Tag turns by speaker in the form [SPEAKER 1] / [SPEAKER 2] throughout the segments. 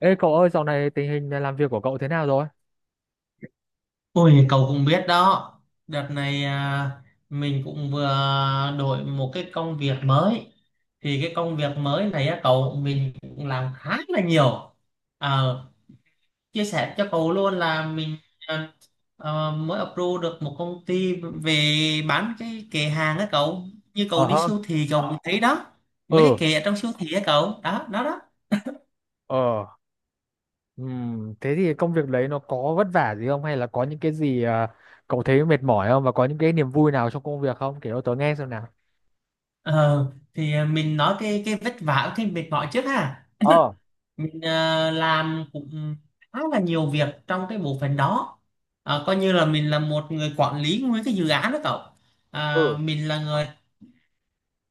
[SPEAKER 1] Ê cậu ơi, dạo này tình hình làm việc của cậu thế nào rồi?
[SPEAKER 2] Ôi, cậu cũng biết đó. Đợt này à, mình cũng vừa đổi một cái công việc mới. Thì cái công việc mới này á, cậu, mình cũng làm khá là nhiều. Ờ, Chia sẻ cho cậu luôn là mình à, mới approve được một công ty về bán cái kệ hàng á cậu. Như
[SPEAKER 1] Ờ
[SPEAKER 2] cậu đi
[SPEAKER 1] hơ,
[SPEAKER 2] siêu thị cậu cũng thấy đó. Mấy cái
[SPEAKER 1] Ờ.
[SPEAKER 2] kệ ở trong siêu thị á cậu. Đó, đó đó.
[SPEAKER 1] ờ, thế thì công việc đấy nó có vất vả gì không? Hay là có những cái gì cậu thấy mệt mỏi không? Và có những cái niềm vui nào trong công việc không? Kể cho tớ nghe xem nào.
[SPEAKER 2] Ờ, Thì à, mình nói cái vất vả cái mệt mỏi trước ha.
[SPEAKER 1] ờ,
[SPEAKER 2] Mình làm cũng khá là nhiều việc trong cái bộ phận đó. Coi như là mình là một người quản lý nguyên cái dự án đó cậu.
[SPEAKER 1] ừ.
[SPEAKER 2] Mình là người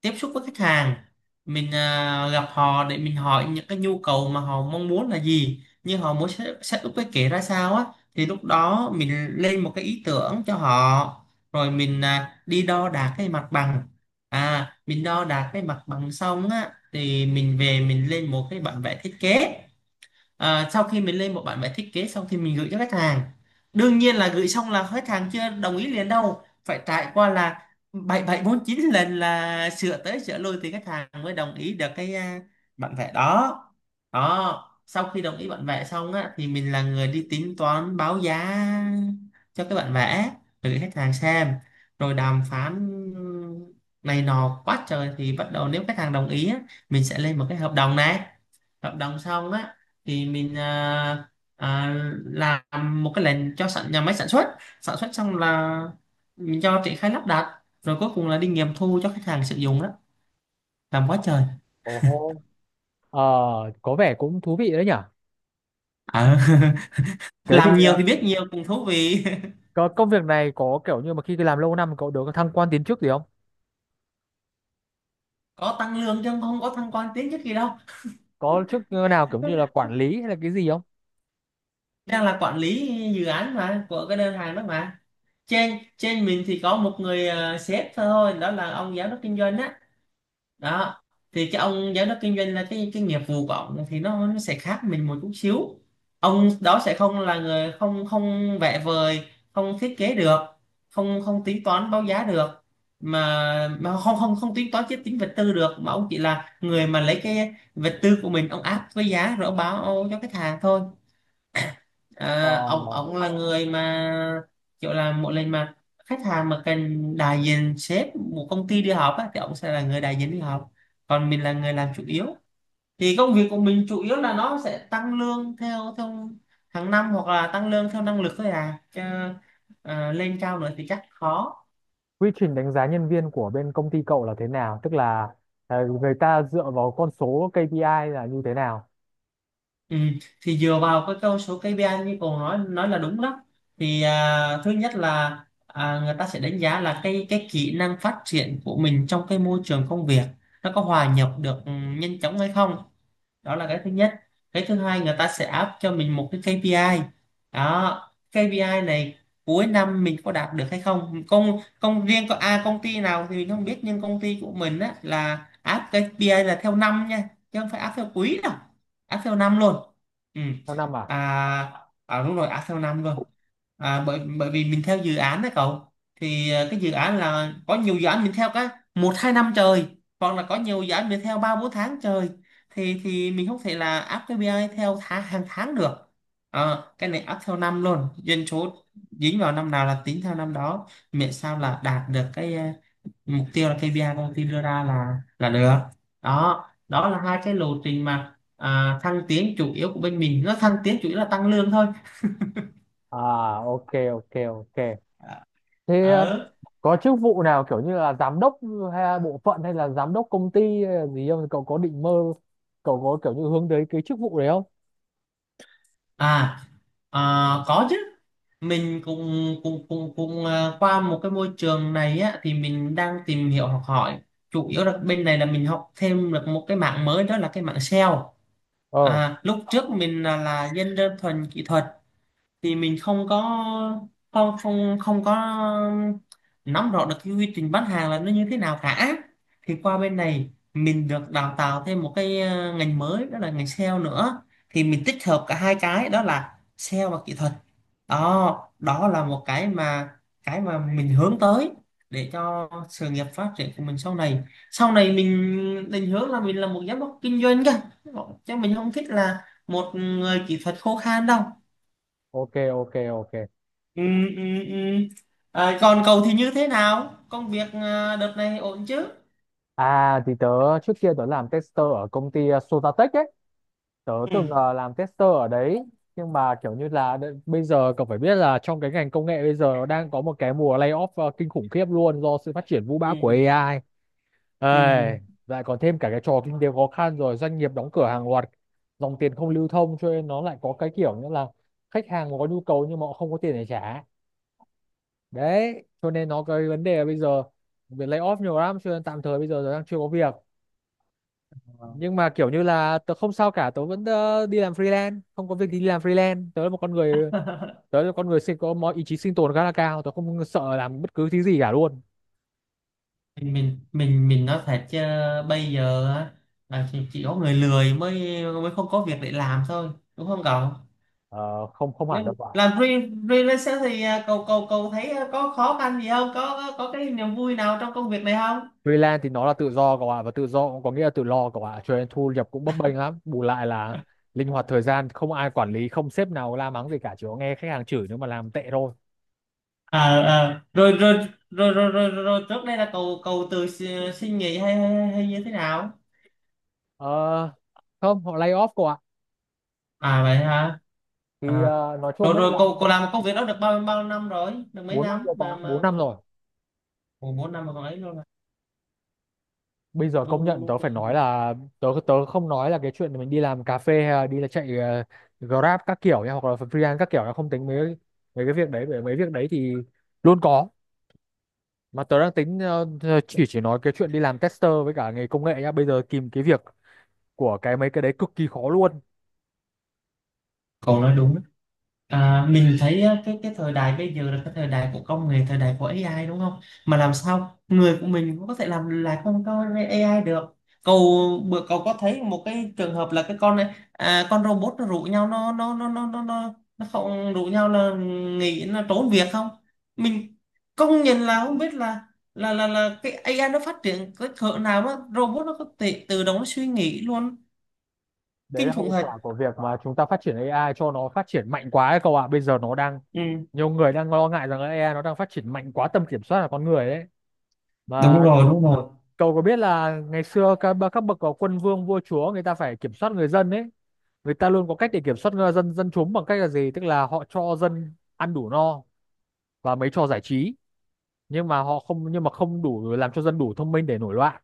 [SPEAKER 2] tiếp xúc với khách hàng. Mình gặp họ để mình hỏi những cái nhu cầu mà họ mong muốn là gì, như họ muốn set up cái kế ra sao á. Thì lúc đó mình lên một cái ý tưởng cho họ, rồi mình đi đo đạc cái mặt bằng. Mình đo đạc cái mặt bằng xong á thì mình về mình lên một cái bản vẽ thiết kế. Sau khi mình lên một bản vẽ thiết kế xong thì mình gửi cho khách hàng. Đương nhiên là gửi xong là khách hàng chưa đồng ý liền đâu, phải trải qua là bảy bảy bốn chín lần là sửa tới sửa lui thì khách hàng mới đồng ý được cái bản vẽ đó. Đó, sau khi đồng ý bản vẽ xong á thì mình là người đi tính toán báo giá cho cái bản vẽ, rồi gửi khách hàng xem, rồi đàm phán này nọ quá trời, thì bắt đầu nếu khách hàng đồng ý á, mình sẽ lên một cái hợp đồng này. Hợp đồng xong á thì mình à, làm một cái lệnh cho sản nhà máy sản xuất. Sản xuất xong là mình cho triển khai lắp đặt, rồi cuối cùng là đi nghiệm thu cho khách hàng sử dụng đó. Làm quá trời.
[SPEAKER 1] Ồ hô. Ờ, có vẻ cũng thú vị đấy nhở?
[SPEAKER 2] Ờ,
[SPEAKER 1] Thế thì
[SPEAKER 2] làm nhiều thì biết nhiều cũng thú vị.
[SPEAKER 1] có công việc này có kiểu như mà khi làm lâu năm cậu được thăng quan tiến chức gì không?
[SPEAKER 2] Có tăng lương chứ không có thăng quan tiến chức gì đâu.
[SPEAKER 1] Có chức nào kiểu như là quản lý hay là cái gì không?
[SPEAKER 2] Đang là quản lý dự án mà, của cái đơn hàng đó mà. Trên trên mình thì có một người sếp thôi, đó là ông giám đốc kinh doanh á, đó. Thì cái ông giám đốc kinh doanh là cái nghiệp vụ của ông, thì nó sẽ khác mình một chút xíu. Ông đó sẽ không là người, không không vẽ vời, không thiết kế được, không không tính toán báo giá được, mà mà không không không tính toán chiếc tính vật tư được, mà ông chỉ là người mà lấy cái vật tư của mình ông áp với giá rồi ông báo cho khách hàng thôi.
[SPEAKER 1] Ờ.
[SPEAKER 2] À, ông là người mà kiểu là mỗi lần mà khách hàng mà cần đại diện sếp một công ty đi họp á, thì ông sẽ là người đại diện đi họp. Còn mình là người làm chủ yếu. Thì công việc của mình chủ yếu là nó sẽ tăng lương theo theo hàng năm, hoặc là tăng lương theo năng lực thôi à chứ. Lên cao nữa thì chắc khó.
[SPEAKER 1] Quy trình đánh giá nhân viên của bên công ty cậu là thế nào, tức là người ta dựa vào con số KPI là như thế nào?
[SPEAKER 2] Ừ, thì dựa vào cái câu số KPI như cậu nói là đúng đó. Thì à, thứ nhất là người ta sẽ đánh giá là cái kỹ năng phát triển của mình trong cái môi trường công việc, nó có hòa nhập được nhanh chóng hay không. Đó là cái thứ nhất. Cái thứ hai, người ta sẽ áp cho mình một cái KPI. Đó, KPI này cuối năm mình có đạt được hay không, công công riêng có công ty nào thì mình không biết, nhưng công ty của mình á là áp KPI là theo năm nha, chứ không phải áp theo quý đâu. Áp theo năm luôn. Ừ.
[SPEAKER 1] Theo năm à?
[SPEAKER 2] à, Đúng rồi, áp theo năm luôn. Bởi bởi vì mình theo dự án đó cậu. Thì à, cái dự án là có nhiều dự án mình theo cái 1-2 năm trời, hoặc là có nhiều dự án mình theo 3-4 tháng trời. Thì mình không thể là áp KPI theo tháng hàng tháng được. Ờ, cái này áp theo năm luôn. Doanh số dính vào năm nào là tính theo năm đó, miễn sao là đạt được cái mục tiêu là KPI công ty đưa ra là được. Đó, đó là hai cái lộ trình mà thăng tiến chủ yếu của bên mình, nó thăng tiến chủ yếu là tăng lương thôi.
[SPEAKER 1] à ok, ok, ok.
[SPEAKER 2] ờ
[SPEAKER 1] Thế
[SPEAKER 2] ờ.
[SPEAKER 1] có chức vụ nào kiểu như là giám đốc hay là bộ phận hay là giám đốc công ty hay là gì không, cậu có định mơ, cậu có kiểu như hướng tới cái chức vụ đấy không?
[SPEAKER 2] à, À, có chứ. Mình cũng cũng cũng cũng à, qua một cái môi trường này á thì mình đang tìm hiểu học hỏi. Chủ yếu là bên này là mình học thêm được một cái mảng mới, đó là cái mảng SEO.
[SPEAKER 1] ờ
[SPEAKER 2] Lúc trước mình là dân đơn thuần kỹ thuật. Thì mình không có, không không không có nắm rõ được cái quy trình bán hàng là nó như thế nào cả. Thì qua bên này mình được đào tạo thêm một cái ngành mới, đó là ngành sale nữa. Thì mình tích hợp cả hai cái đó là sale và kỹ thuật. Đó, đó là một cái mà mình hướng tới, để cho sự nghiệp phát triển của mình sau này. Sau này mình định hướng là mình là một giám đốc kinh doanh cơ, chứ mình không thích là một người kỹ thuật khô khan đâu.
[SPEAKER 1] ok, ok, ok.
[SPEAKER 2] Ừ, ừ, ừ. À, còn cậu thì như thế nào? Công việc à, đợt này ổn chứ?
[SPEAKER 1] Thì tớ, trước kia tớ làm tester ở công ty Sotatech ấy, tớ
[SPEAKER 2] Ừ,
[SPEAKER 1] từng làm tester ở đấy. Nhưng mà kiểu như là bây giờ cậu phải biết là trong cái ngành công nghệ bây giờ nó đang có một cái mùa layoff kinh khủng khiếp luôn do sự phát triển vũ
[SPEAKER 2] ừ,
[SPEAKER 1] bão của AI. Ê,
[SPEAKER 2] ừ.
[SPEAKER 1] lại còn thêm cả cái trò kinh tế khó khăn, rồi doanh nghiệp đóng cửa hàng loạt, dòng tiền không lưu thông, cho nên nó lại có cái kiểu như là khách hàng có nhu cầu nhưng mà họ không có tiền để trả. Đấy, cho nên nó cái vấn đề là bây giờ việc layoff nhiều lắm, cho nên tạm thời bây giờ tớ đang chưa có việc. Nhưng mà kiểu như là tớ không sao cả, tớ vẫn đi làm freelance. Không có việc thì đi làm freelance. Tớ là một con người, tớ là con người sinh có mọi ý chí sinh tồn khá là cao, tớ không sợ làm bất cứ thứ gì cả luôn.
[SPEAKER 2] Mình nói thật chứ, bây giờ á, là chỉ có người lười mới mới không có việc để làm thôi. Đúng không cậu?
[SPEAKER 1] Ờ, không, không
[SPEAKER 2] Nếu
[SPEAKER 1] hẳn đâu ạ.
[SPEAKER 2] làm freelancer freelancer thì à, cậu cậu cậu thấy có khó khăn gì không? Có cái niềm vui nào trong công việc này không?
[SPEAKER 1] Freelance thì nó là tự do cậu ạ, và tự do cũng có nghĩa là tự lo cậu ạ, cho nên thu nhập cũng bấp bênh lắm, bù lại là linh hoạt thời gian, không ai quản lý, không sếp nào la mắng gì cả, chỉ có nghe khách hàng chửi nếu mà làm tệ thôi.
[SPEAKER 2] à, À, rồi, rồi rồi rồi rồi rồi rồi trước đây là cậu cậu tự xin xin nghỉ hay hay như thế nào?
[SPEAKER 1] Ờ, không, họ lay off cậu ạ.
[SPEAKER 2] À vậy hả?
[SPEAKER 1] Thì
[SPEAKER 2] à,
[SPEAKER 1] nói
[SPEAKER 2] Rồi
[SPEAKER 1] chung ấy
[SPEAKER 2] rồi,
[SPEAKER 1] là
[SPEAKER 2] cô làm công việc đó được bao bao năm rồi? Được mấy
[SPEAKER 1] 4 năm
[SPEAKER 2] năm
[SPEAKER 1] rồi cậu
[SPEAKER 2] mà
[SPEAKER 1] ạ, bốn
[SPEAKER 2] mà.
[SPEAKER 1] năm rồi
[SPEAKER 2] Ủa, 4 năm mà còn ấy luôn à?
[SPEAKER 1] Bây giờ
[SPEAKER 2] Đúng
[SPEAKER 1] công
[SPEAKER 2] đúng
[SPEAKER 1] nhận tớ
[SPEAKER 2] đúng.
[SPEAKER 1] phải nói là tớ, tớ không nói là cái chuyện mình đi làm cà phê hay là đi là chạy Grab các kiểu nha, hoặc là freelance các kiểu là không tính mấy, mấy cái việc đấy bởi mấy việc đấy thì luôn có. Mà tớ đang tính chỉ nói cái chuyện đi làm tester với cả nghề công nghệ nhá, bây giờ kìm cái việc của cái mấy cái đấy cực kỳ khó luôn.
[SPEAKER 2] Còn nói đúng. À, mình thấy á, cái thời đại bây giờ là cái thời đại của công nghệ, thời đại của AI đúng không? Mà làm sao người của mình cũng có thể làm lại con có AI được. Cậu bữa cậu có thấy một cái trường hợp là cái con này à, con robot nó rủ nhau nó không rủ nhau là nghỉ, nó trốn việc không? Mình công nhận là không biết là cái AI nó phát triển cái cỡ nào, đó robot nó có thể tự động nó suy nghĩ luôn.
[SPEAKER 1] Đấy
[SPEAKER 2] Kinh
[SPEAKER 1] là
[SPEAKER 2] khủng
[SPEAKER 1] hậu
[SPEAKER 2] thật.
[SPEAKER 1] quả của việc mà chúng ta phát triển AI cho nó phát triển mạnh quá ấy cậu ạ, bây giờ nó đang
[SPEAKER 2] Ừ,
[SPEAKER 1] nhiều người đang lo ngại rằng là AI nó đang phát triển mạnh quá tầm kiểm soát là con người đấy, mà
[SPEAKER 2] đúng rồi, đúng rồi.
[SPEAKER 1] cậu có biết là ngày xưa các bậc có quân vương vua chúa người ta phải kiểm soát người dân ấy, người ta luôn có cách để kiểm soát người dân, dân chúng bằng cách là gì? Tức là họ cho dân ăn đủ no và mấy trò giải trí, nhưng mà không đủ làm cho dân đủ thông minh để nổi loạn,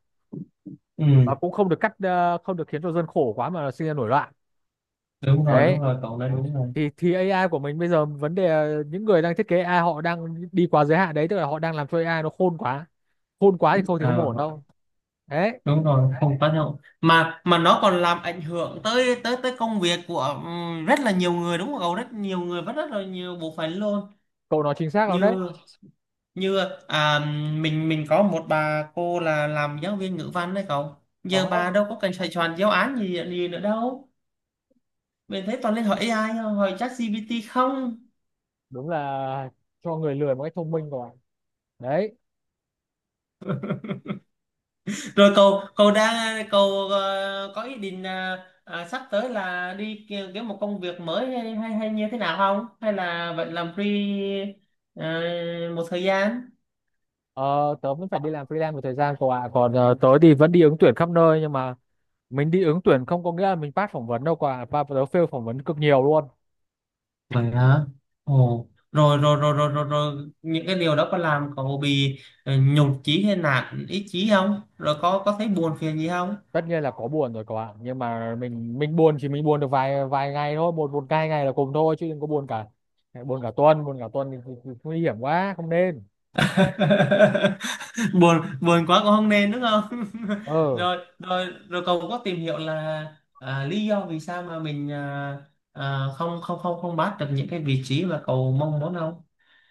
[SPEAKER 2] Ừ.
[SPEAKER 1] và cũng không được cắt, không được khiến cho dân khổ quá mà sinh ra nổi loạn.
[SPEAKER 2] Đúng rồi đúng
[SPEAKER 1] Đấy.
[SPEAKER 2] rồi, cậu nói đúng rồi.
[SPEAKER 1] Thì AI của mình bây giờ vấn đề là những người đang thiết kế AI họ đang đi quá giới hạn đấy, tức là họ đang làm cho AI nó khôn quá. Khôn quá thì không ổn
[SPEAKER 2] à,
[SPEAKER 1] đâu. Đấy,
[SPEAKER 2] Đúng rồi, không tác động mà nó còn làm ảnh hưởng tới tới tới công việc của rất là nhiều người đúng không cậu, rất nhiều người và rất là nhiều bộ phận luôn.
[SPEAKER 1] cậu nói chính xác lắm đấy.
[SPEAKER 2] Như như à, mình mình có một bà cô là làm giáo viên ngữ văn đấy cậu. Giờ bà
[SPEAKER 1] Đó.
[SPEAKER 2] đâu có cần xoay tròn giáo án gì gì nữa đâu, mình thấy toàn lên hỏi AI thôi, hỏi ChatGPT không.
[SPEAKER 1] Đúng là cho người lười một cách thông minh rồi. Đấy,
[SPEAKER 2] Rồi cậu cậu đang cậu có ý định là sắp tới là đi kiếm một công việc mới hay hay như thế nào không? Hay là vẫn làm ờ, một thời gian?
[SPEAKER 1] ờ, tớ vẫn phải đi làm freelance một thời gian cậu ạ, còn tớ thì vẫn đi ứng tuyển khắp nơi, nhưng mà mình đi ứng tuyển không có nghĩa là mình pass phỏng vấn đâu cậu ạ, và tớ fail phỏng vấn cực nhiều luôn.
[SPEAKER 2] Vậy hả? Ồ, rồi rồi rồi rồi rồi rồi, những cái điều đó có làm cậu bị nhụt chí hay nản ý chí không? Rồi có thấy buồn phiền gì không?
[SPEAKER 1] Tất nhiên là có buồn rồi cậu ạ, nhưng mà mình buồn, chỉ mình buồn được vài vài ngày thôi, một một hai ngày là cùng thôi, chứ đừng có buồn cả tuần. Buồn cả tuần thì nguy hiểm quá, không nên.
[SPEAKER 2] buồn buồn quá cũng không nên, đúng không?
[SPEAKER 1] ờ
[SPEAKER 2] Rồi rồi rồi, cậu có tìm hiểu là lý do vì sao mà mình không không không không bắt được những cái vị trí mà cậu mong muốn không?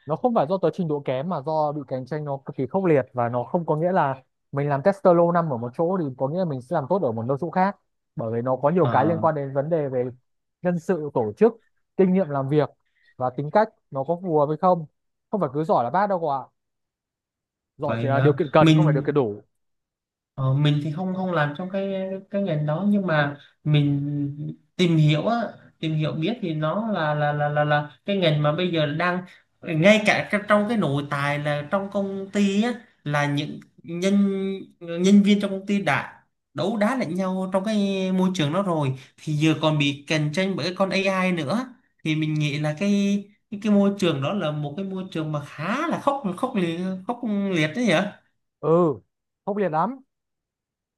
[SPEAKER 1] nó không phải do tới trình độ kém, mà do bị cạnh tranh nó cực kỳ khốc liệt, và nó không có nghĩa là mình làm tester lâu năm ở một chỗ thì có nghĩa là mình sẽ làm tốt ở một nơi chỗ khác, bởi vì nó có nhiều cái liên
[SPEAKER 2] Ờ,
[SPEAKER 1] quan đến vấn đề về nhân sự tổ chức, kinh nghiệm làm việc, và tính cách nó có phù hợp hay không. Không phải cứ giỏi là bác đâu cậu ạ, giỏi chỉ
[SPEAKER 2] vậy
[SPEAKER 1] là
[SPEAKER 2] hả?
[SPEAKER 1] điều kiện cần không phải điều kiện
[SPEAKER 2] mình
[SPEAKER 1] đủ.
[SPEAKER 2] Ờ, mình thì không không làm trong cái ngành đó, nhưng mà mình tìm hiểu á, tìm hiểu biết thì nó là cái ngành mà bây giờ đang, ngay cả trong cái nội tài là trong công ty á, là những nhân nhân viên trong công ty đã đấu đá lẫn nhau trong cái môi trường đó rồi, thì giờ còn bị cạnh tranh bởi con AI nữa. Thì mình nghĩ là cái môi trường đó là một cái môi trường mà khá là khốc khốc liệt đấy nhỉ.
[SPEAKER 1] Ừ, khốc liệt lắm.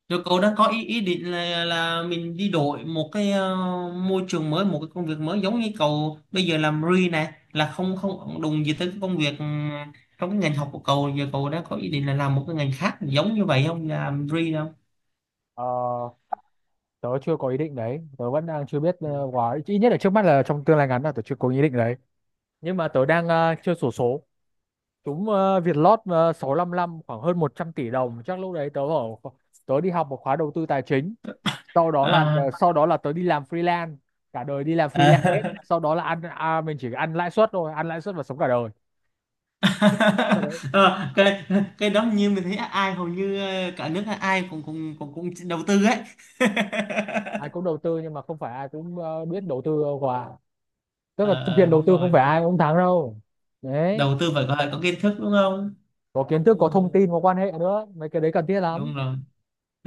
[SPEAKER 2] Rồi cậu đang có ý ý định là mình đi đổi một cái môi trường mới, một cái công việc mới, giống như cậu bây giờ làm re này, là không không đụng gì tới cái công việc trong cái ngành học của cậu. Giờ cậu đang có ý định là làm một cái ngành khác giống như vậy không, làm re không?
[SPEAKER 1] ờ, Tớ chưa có ý định đấy, tớ vẫn đang chưa biết quá, ít nhất là trước mắt là trong tương lai ngắn là tớ chưa có ý định đấy. Nhưng mà tớ đang chưa sổ số. Đúng, Vietlott 655 khoảng hơn 100 tỷ đồng, chắc lúc đấy tớ ở kho- tớ đi học một khóa đầu tư tài chính,
[SPEAKER 2] À,
[SPEAKER 1] sau đó là tớ đi làm freelance cả đời, đi làm freelance hết.
[SPEAKER 2] À,
[SPEAKER 1] Sau đó mình chỉ ăn lãi suất thôi, ăn lãi suất và sống cả đời. Thật đấy.
[SPEAKER 2] Ờ, cái cái đó như mình thấy ai hầu như cả nước ai cũng cũng cũng cũng đầu tư ấy.
[SPEAKER 1] Ai cũng đầu tư nhưng mà không phải ai cũng biết đầu tư đâu quả, tức là thực
[SPEAKER 2] Ờ,
[SPEAKER 1] hiện đầu
[SPEAKER 2] Đúng
[SPEAKER 1] tư
[SPEAKER 2] rồi,
[SPEAKER 1] không phải ai cũng thắng đâu. Đấy,
[SPEAKER 2] đầu tư phải có kiến thức đúng không?
[SPEAKER 1] có kiến thức,
[SPEAKER 2] Ừ,
[SPEAKER 1] có thông tin, có quan hệ nữa, mấy cái đấy cần thiết lắm.
[SPEAKER 2] đúng rồi.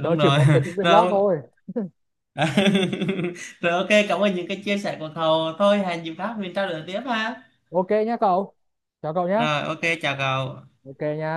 [SPEAKER 1] Tớ chỉ
[SPEAKER 2] rồi.
[SPEAKER 1] muốn tớ trúng Vietlott
[SPEAKER 2] Rồi.
[SPEAKER 1] thôi.
[SPEAKER 2] À, rồi, ok, cảm ơn những cái chia sẻ của cậu. Thôi hẹn dịp khác mình trao đổi tiếp ha.
[SPEAKER 1] Ok nhé cậu, chào cậu nhé.
[SPEAKER 2] Rồi, ok, chào cậu.
[SPEAKER 1] Ok nha.